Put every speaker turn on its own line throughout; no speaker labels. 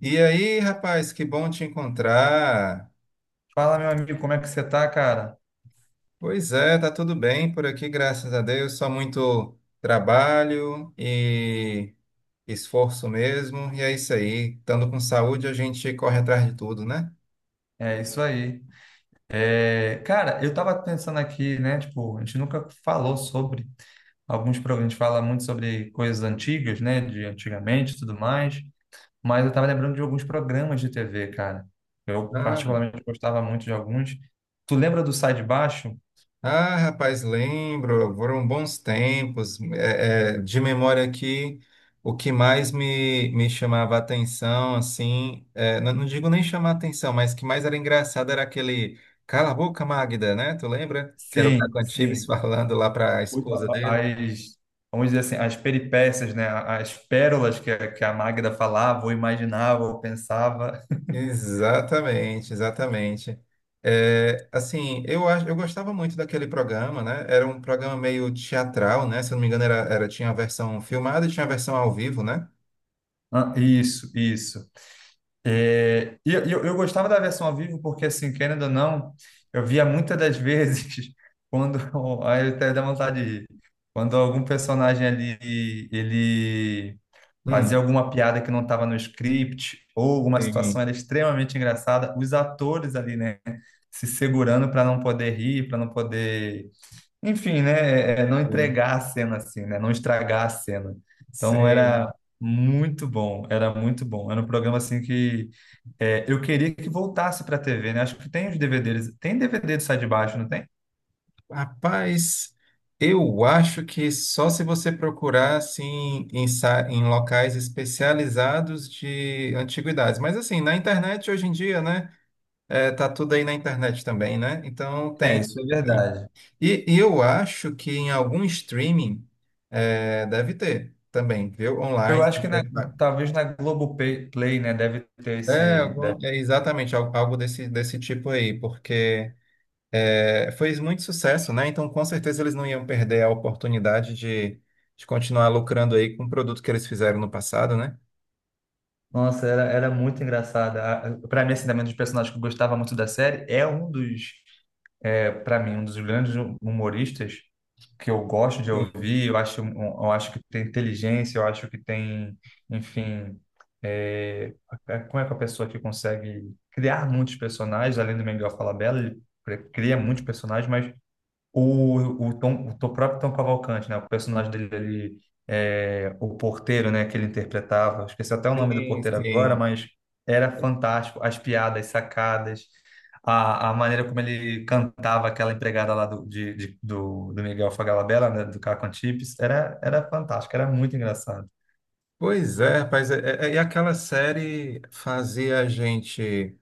E aí, rapaz, que bom te encontrar.
Fala, meu amigo, como é que você tá, cara?
Pois é, tá tudo bem por aqui, graças a Deus. Só muito trabalho e esforço mesmo. E é isso aí. Estando com saúde, a gente corre atrás de tudo, né?
É isso aí. Cara, eu tava pensando aqui, né? Tipo, a gente nunca falou sobre alguns programas, a gente fala muito sobre coisas antigas, né? De antigamente e tudo mais, mas eu tava lembrando de alguns programas de TV, cara. Eu
Ah.
particularmente gostava muito de alguns. Tu lembra do Sai de Baixo?
Ah, rapaz, lembro, foram bons tempos. De memória aqui, o que mais me chamava atenção, assim, não digo nem chamar atenção, mas que mais era engraçado era aquele Cala a boca, Magda, né? Tu lembra? Que era o Caco
Sim,
Antibes
sim.
falando lá para a esposa dele.
As, vamos dizer assim, as peripécias, né? As pérolas que a Magda falava, ou imaginava, ou pensava.
Exatamente, exatamente. É, assim, eu gostava muito daquele programa, né? Era um programa meio teatral, né? Se eu não me engano, tinha a versão filmada e tinha a versão ao vivo, né?
Ah, isso, isso. É, e eu gostava da versão ao vivo porque, assim, querendo ou não, eu via muitas das vezes quando... Aí até dá vontade de rir. Quando algum personagem ali, ele fazia alguma piada que não estava no script ou alguma situação
Sim,
era extremamente engraçada, os atores ali, né, se segurando para não poder rir, para não poder enfim, né? Não
sim,
entregar a cena assim, né? Não estragar a cena. Então
sei.
era muito bom, era muito bom. Era um programa assim que eu queria que voltasse para a TV, né? Acho que tem os DVDs, tem DVD do Sai de Baixo, não tem?
Rapaz, eu acho que só se você procurar assim em locais especializados de antiguidades. Mas assim, na internet hoje em dia, né? É, tá tudo aí na internet também, né? Então
É,
tem.
isso é
Tem.
verdade.
Eu acho que em algum streaming é, deve ter também, viu?
Eu
Online. Se
acho que na-
você fa-
Talvez na Globoplay, Play, né, deve ter
É,
esse.
algum,
Deve-
é algo desse, desse tipo aí, porque. É, foi muito sucesso, né? Então, com certeza, eles não iam perder a oportunidade de continuar lucrando aí com o produto que eles fizeram no passado, né?
Nossa, era, era muito engraçada. Para mim, assim, também um dos personagens que eu gostava muito da série é um dos. Para mim, um dos grandes humoristas que eu gosto de
Sim,
ouvir, eu acho, eu acho que tem inteligência, eu acho que tem, enfim, é, como é que a pessoa que consegue criar muitos personagens, além do Miguel Falabella, ele pre- cria muitos personagens, mas o, próprio Tom Cavalcante, né? O personagem dele, ele, é, o porteiro, né? Que ele interpretava. Esqueci até o nome do
sim,
porteiro agora,
sim.
mas era fantástico. As piadas, sacadas, a maneira como ele cantava aquela empregada lá do Miguel Falabella, né? Do Caco Antibes, era, era fantástico, era muito engraçado.
Pois é, rapaz. E aquela série fazia a gente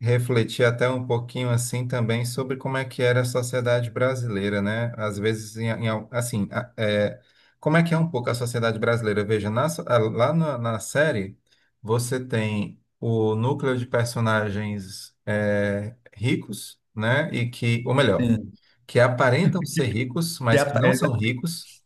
refletir até um pouquinho assim também sobre como é que era a sociedade brasileira, né? Às vezes, assim, como é que é um pouco a sociedade brasileira? Veja, lá na série, você tem o núcleo de personagens é, ricos, né? E que, ou melhor,
Sim.
que aparentam
Que
ser ricos, mas que
piada,
não são ricos,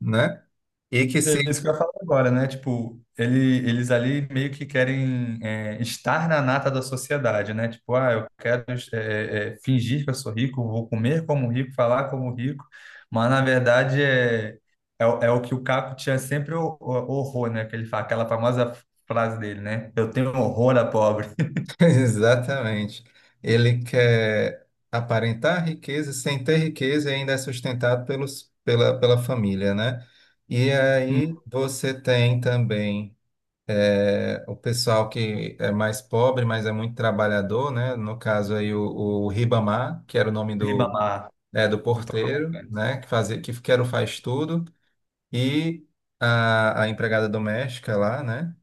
né? E que
é
se
isso que eu ia falar agora, né? Tipo, ele, eles ali meio que querem estar na nata da sociedade, né? Tipo, ah, eu quero fingir que eu sou rico, vou comer como rico, falar como rico, mas na verdade o é o que o Caco tinha sempre horror, né? Que ele fala, aquela famosa frase dele, né? Eu tenho horror a pobre.
Exatamente. Ele quer aparentar riqueza sem ter riqueza e ainda é sustentado pela família, né? E
Hum,
aí você tem também é, o pessoal que é mais pobre, mas é muito trabalhador, né? No caso aí o Ribamar, que era o nome do,
Ribamar,
é, do
do
porteiro,
Tocantins.
né? Que fazia, que era o faz tudo, e a empregada doméstica lá, né?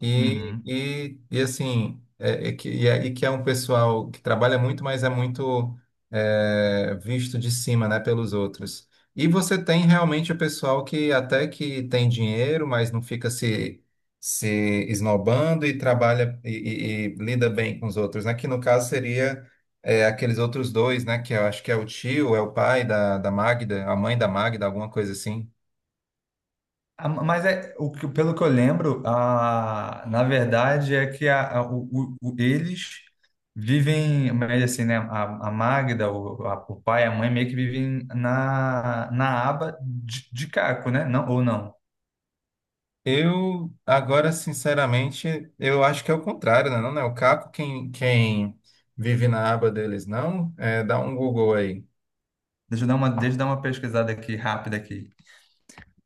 Uhum.
Assim, que é um pessoal que trabalha muito, mas é muito é, visto de cima, né, pelos outros. E você tem realmente o pessoal que até que tem dinheiro, mas não fica se, se esnobando e trabalha e lida bem com os outros, né? Que no caso seria é, aqueles outros dois, né? Que eu acho que é o tio, é o pai da Magda, a mãe da Magda, alguma coisa assim.
Ah, mas é, pelo que eu lembro, a, na verdade é que a- o- eles vivem, mas assim, né? A Magda, o pai e a mãe meio que vivem na, na aba de Caco, né? Não, ou não?
Eu, agora, sinceramente, eu acho que é o contrário, né? Não, né? O Caco, quem vive na aba deles, não? É, dá um Google aí.
Deixa eu dar uma pesquisada aqui, rápida aqui.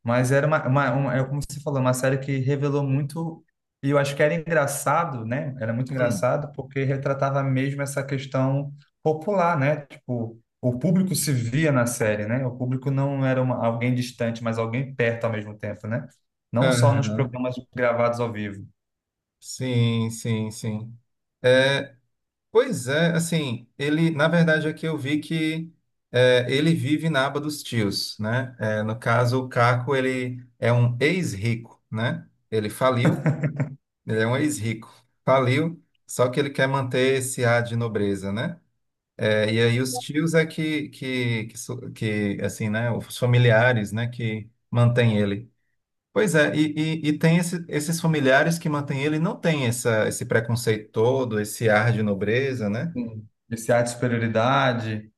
Mas era é como você falou, uma série que revelou muito, e eu acho que era engraçado, né? Era muito
Hum.
engraçado porque retratava mesmo essa questão popular, né? Tipo, o público se via na série, né? O público não era uma, Alguém distante, mas alguém perto ao mesmo tempo, né? Não só nos
Aham.
programas gravados ao vivo.
Sim, sim, sim. É, pois é, assim, ele, na verdade, aqui eu vi que é, ele vive na aba dos tios, né? É, no caso, o Caco, ele é um ex-rico, né? Ele faliu, ele é um ex-rico, faliu, só que ele quer manter esse ar de nobreza, né? É, e aí os tios é que, assim, né, os familiares, né, que mantêm ele. Pois é, e tem esses familiares que mantêm ele, não tem essa, esse preconceito todo, esse ar de nobreza, né?
Sim. Esse ar de superioridade,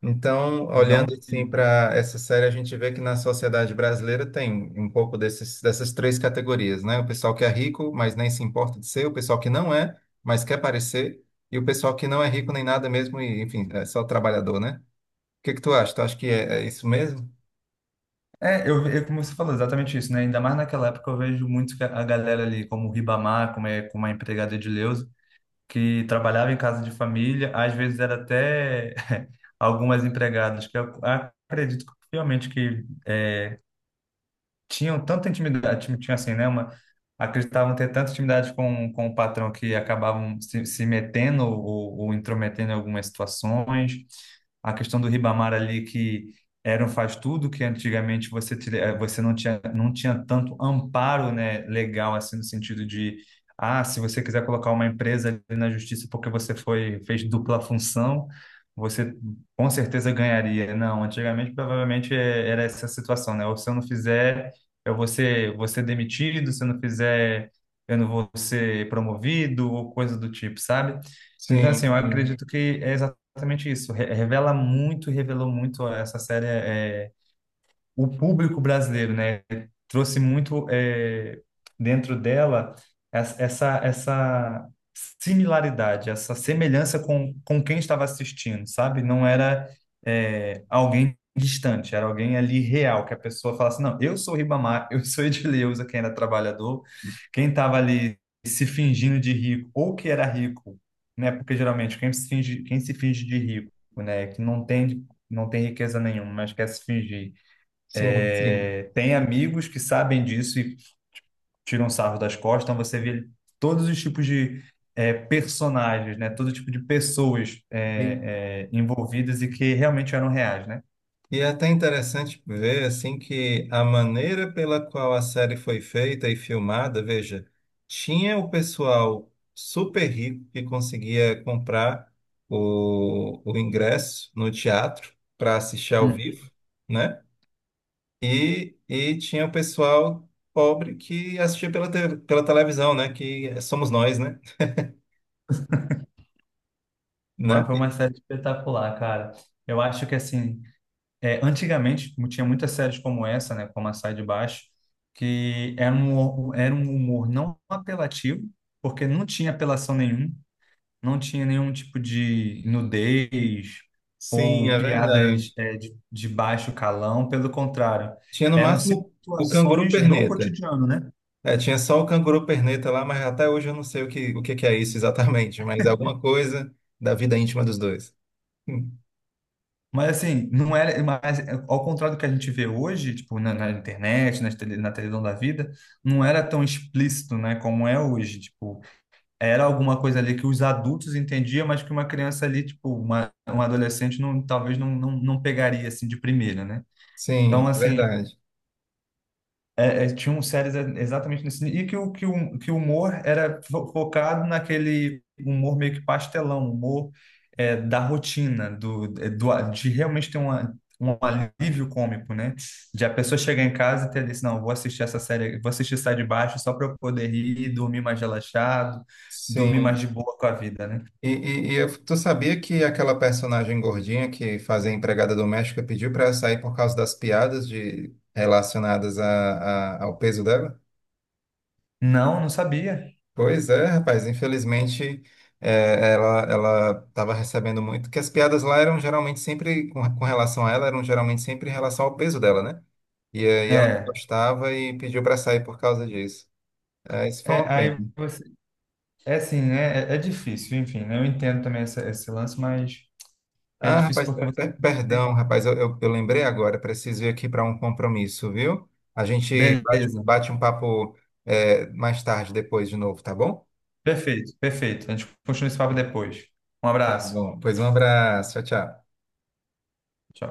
Então,
não
olhando assim
de-
para essa série, a gente vê que na sociedade brasileira tem um pouco desses, dessas três categorias, né? O pessoal que é rico, mas nem se importa de ser, o pessoal que não é, mas quer parecer, e o pessoal que não é rico nem nada mesmo, e, enfim, é só trabalhador, né? O que é que tu acha? Tu acha que é isso mesmo?
como você falou, exatamente isso, né? Ainda mais naquela época eu vejo muito que a galera ali, como o Ribamar, como, é, como a empregada de que trabalhava em casa de família, às vezes era até algumas empregadas que eu acredito que, realmente que tinham tanta intimidade, tinha assim, né, uma, acreditavam ter tanta intimidade com o patrão que acabavam se, se metendo ou intrometendo em algumas situações. A questão do Ribamar ali que era um faz-tudo, que antigamente você, você não tinha, não tinha tanto amparo, né, legal, assim, no sentido de, ah, se você quiser colocar uma empresa ali na justiça porque você foi, fez dupla função, você com certeza ganharia. Não, antigamente provavelmente era essa situação, né? Ou se eu não fizer, eu vou ser demitido, se eu não fizer, eu não vou ser promovido, ou coisa do tipo, sabe? Então, assim, eu
Sim, sim,
acredito que é exatamente isso. Revela muito, revelou muito essa série. O público brasileiro, né? Trouxe muito dentro dela essa similaridade, essa semelhança com quem estava assistindo, sabe? Não era alguém distante, era alguém ali real, que a pessoa falasse, não, eu sou o Ribamar, eu sou Edileuza, quem era trabalhador, quem estava ali se fingindo de rico, ou que era rico, né? Porque geralmente quem se finge de rico, né? Que não tem, não tem riqueza nenhuma, mas quer se fingir
sim, sim.
tem amigos que sabem disso e tiram sarro das costas, então você vê todos os tipos de personagens, né? Todo tipo de pessoas
E,
envolvidas e que realmente eram reais, né?
é até interessante ver assim que a maneira pela qual a série foi feita e filmada, veja, tinha o pessoal super rico que conseguia comprar o ingresso no teatro para assistir ao
Hum.
vivo, né? Tinha o pessoal pobre que assistia pela televisão, né? Que somos nós, né? Né?
Mas foi uma série espetacular, cara. Eu acho que, assim, antigamente tinha muitas séries como essa, né? Como a Sai de Baixo, que era era um humor não apelativo, porque não tinha apelação nenhuma, não tinha nenhum tipo de nudez
Sim,
ou
é verdade.
piadas de baixo calão, pelo contrário,
Tinha no
eram
máximo o canguru
situações do
perneta.
cotidiano, né?
É, tinha só o canguru perneta lá, mas até hoje eu não sei o que que é isso exatamente, mas é alguma coisa da vida íntima dos dois. Hum.
Mas assim, não era, mas é, ao contrário do que a gente vê hoje, tipo na, na internet, na televisão da vida, não era tão explícito, né, como é hoje, tipo, era alguma coisa ali que os adultos entendiam, mas que uma criança ali, tipo, uma, um adolescente não, talvez não, não, não pegaria assim de primeira, né? Então,
Sim,
assim,
verdade.
é, é, tinham séries exatamente nesse nível. E que o que o humor era focado naquele humor meio que pastelão, humor da rotina, do, é, do de realmente ter uma, um alívio cômico, né? De a pessoa chegar em casa e ter desse, não, vou assistir essa série, vou assistir Sai de Baixo só para eu poder rir, dormir mais relaxado, dormir mais
Sim.
de boa com a vida, né?
Tu sabia que aquela personagem gordinha que fazia empregada doméstica pediu para sair por causa das piadas de, relacionadas a, ao peso dela?
Não, não sabia.
Pois é, rapaz, infelizmente é, ela estava recebendo muito, que as piadas lá eram geralmente sempre, com relação a ela, eram geralmente sempre em relação ao peso dela, né? E aí ela não
É,
gostava e pediu para sair por causa disso. É, isso foi
é
uma pena.
aí você, é assim, é, é difícil, enfim, né? Eu entendo também essa- esse lance, mas é
Ah,
difícil
rapaz,
porque você não tem.
perdão, rapaz, eu lembrei agora, preciso ir aqui para um compromisso, viu? A gente
Beleza.
bate um papo é, mais tarde, depois de novo, tá bom?
Perfeito, perfeito. A gente continua esse papo depois. Um
Tá
abraço.
bom, pois um abraço, tchau, tchau.
Tchau.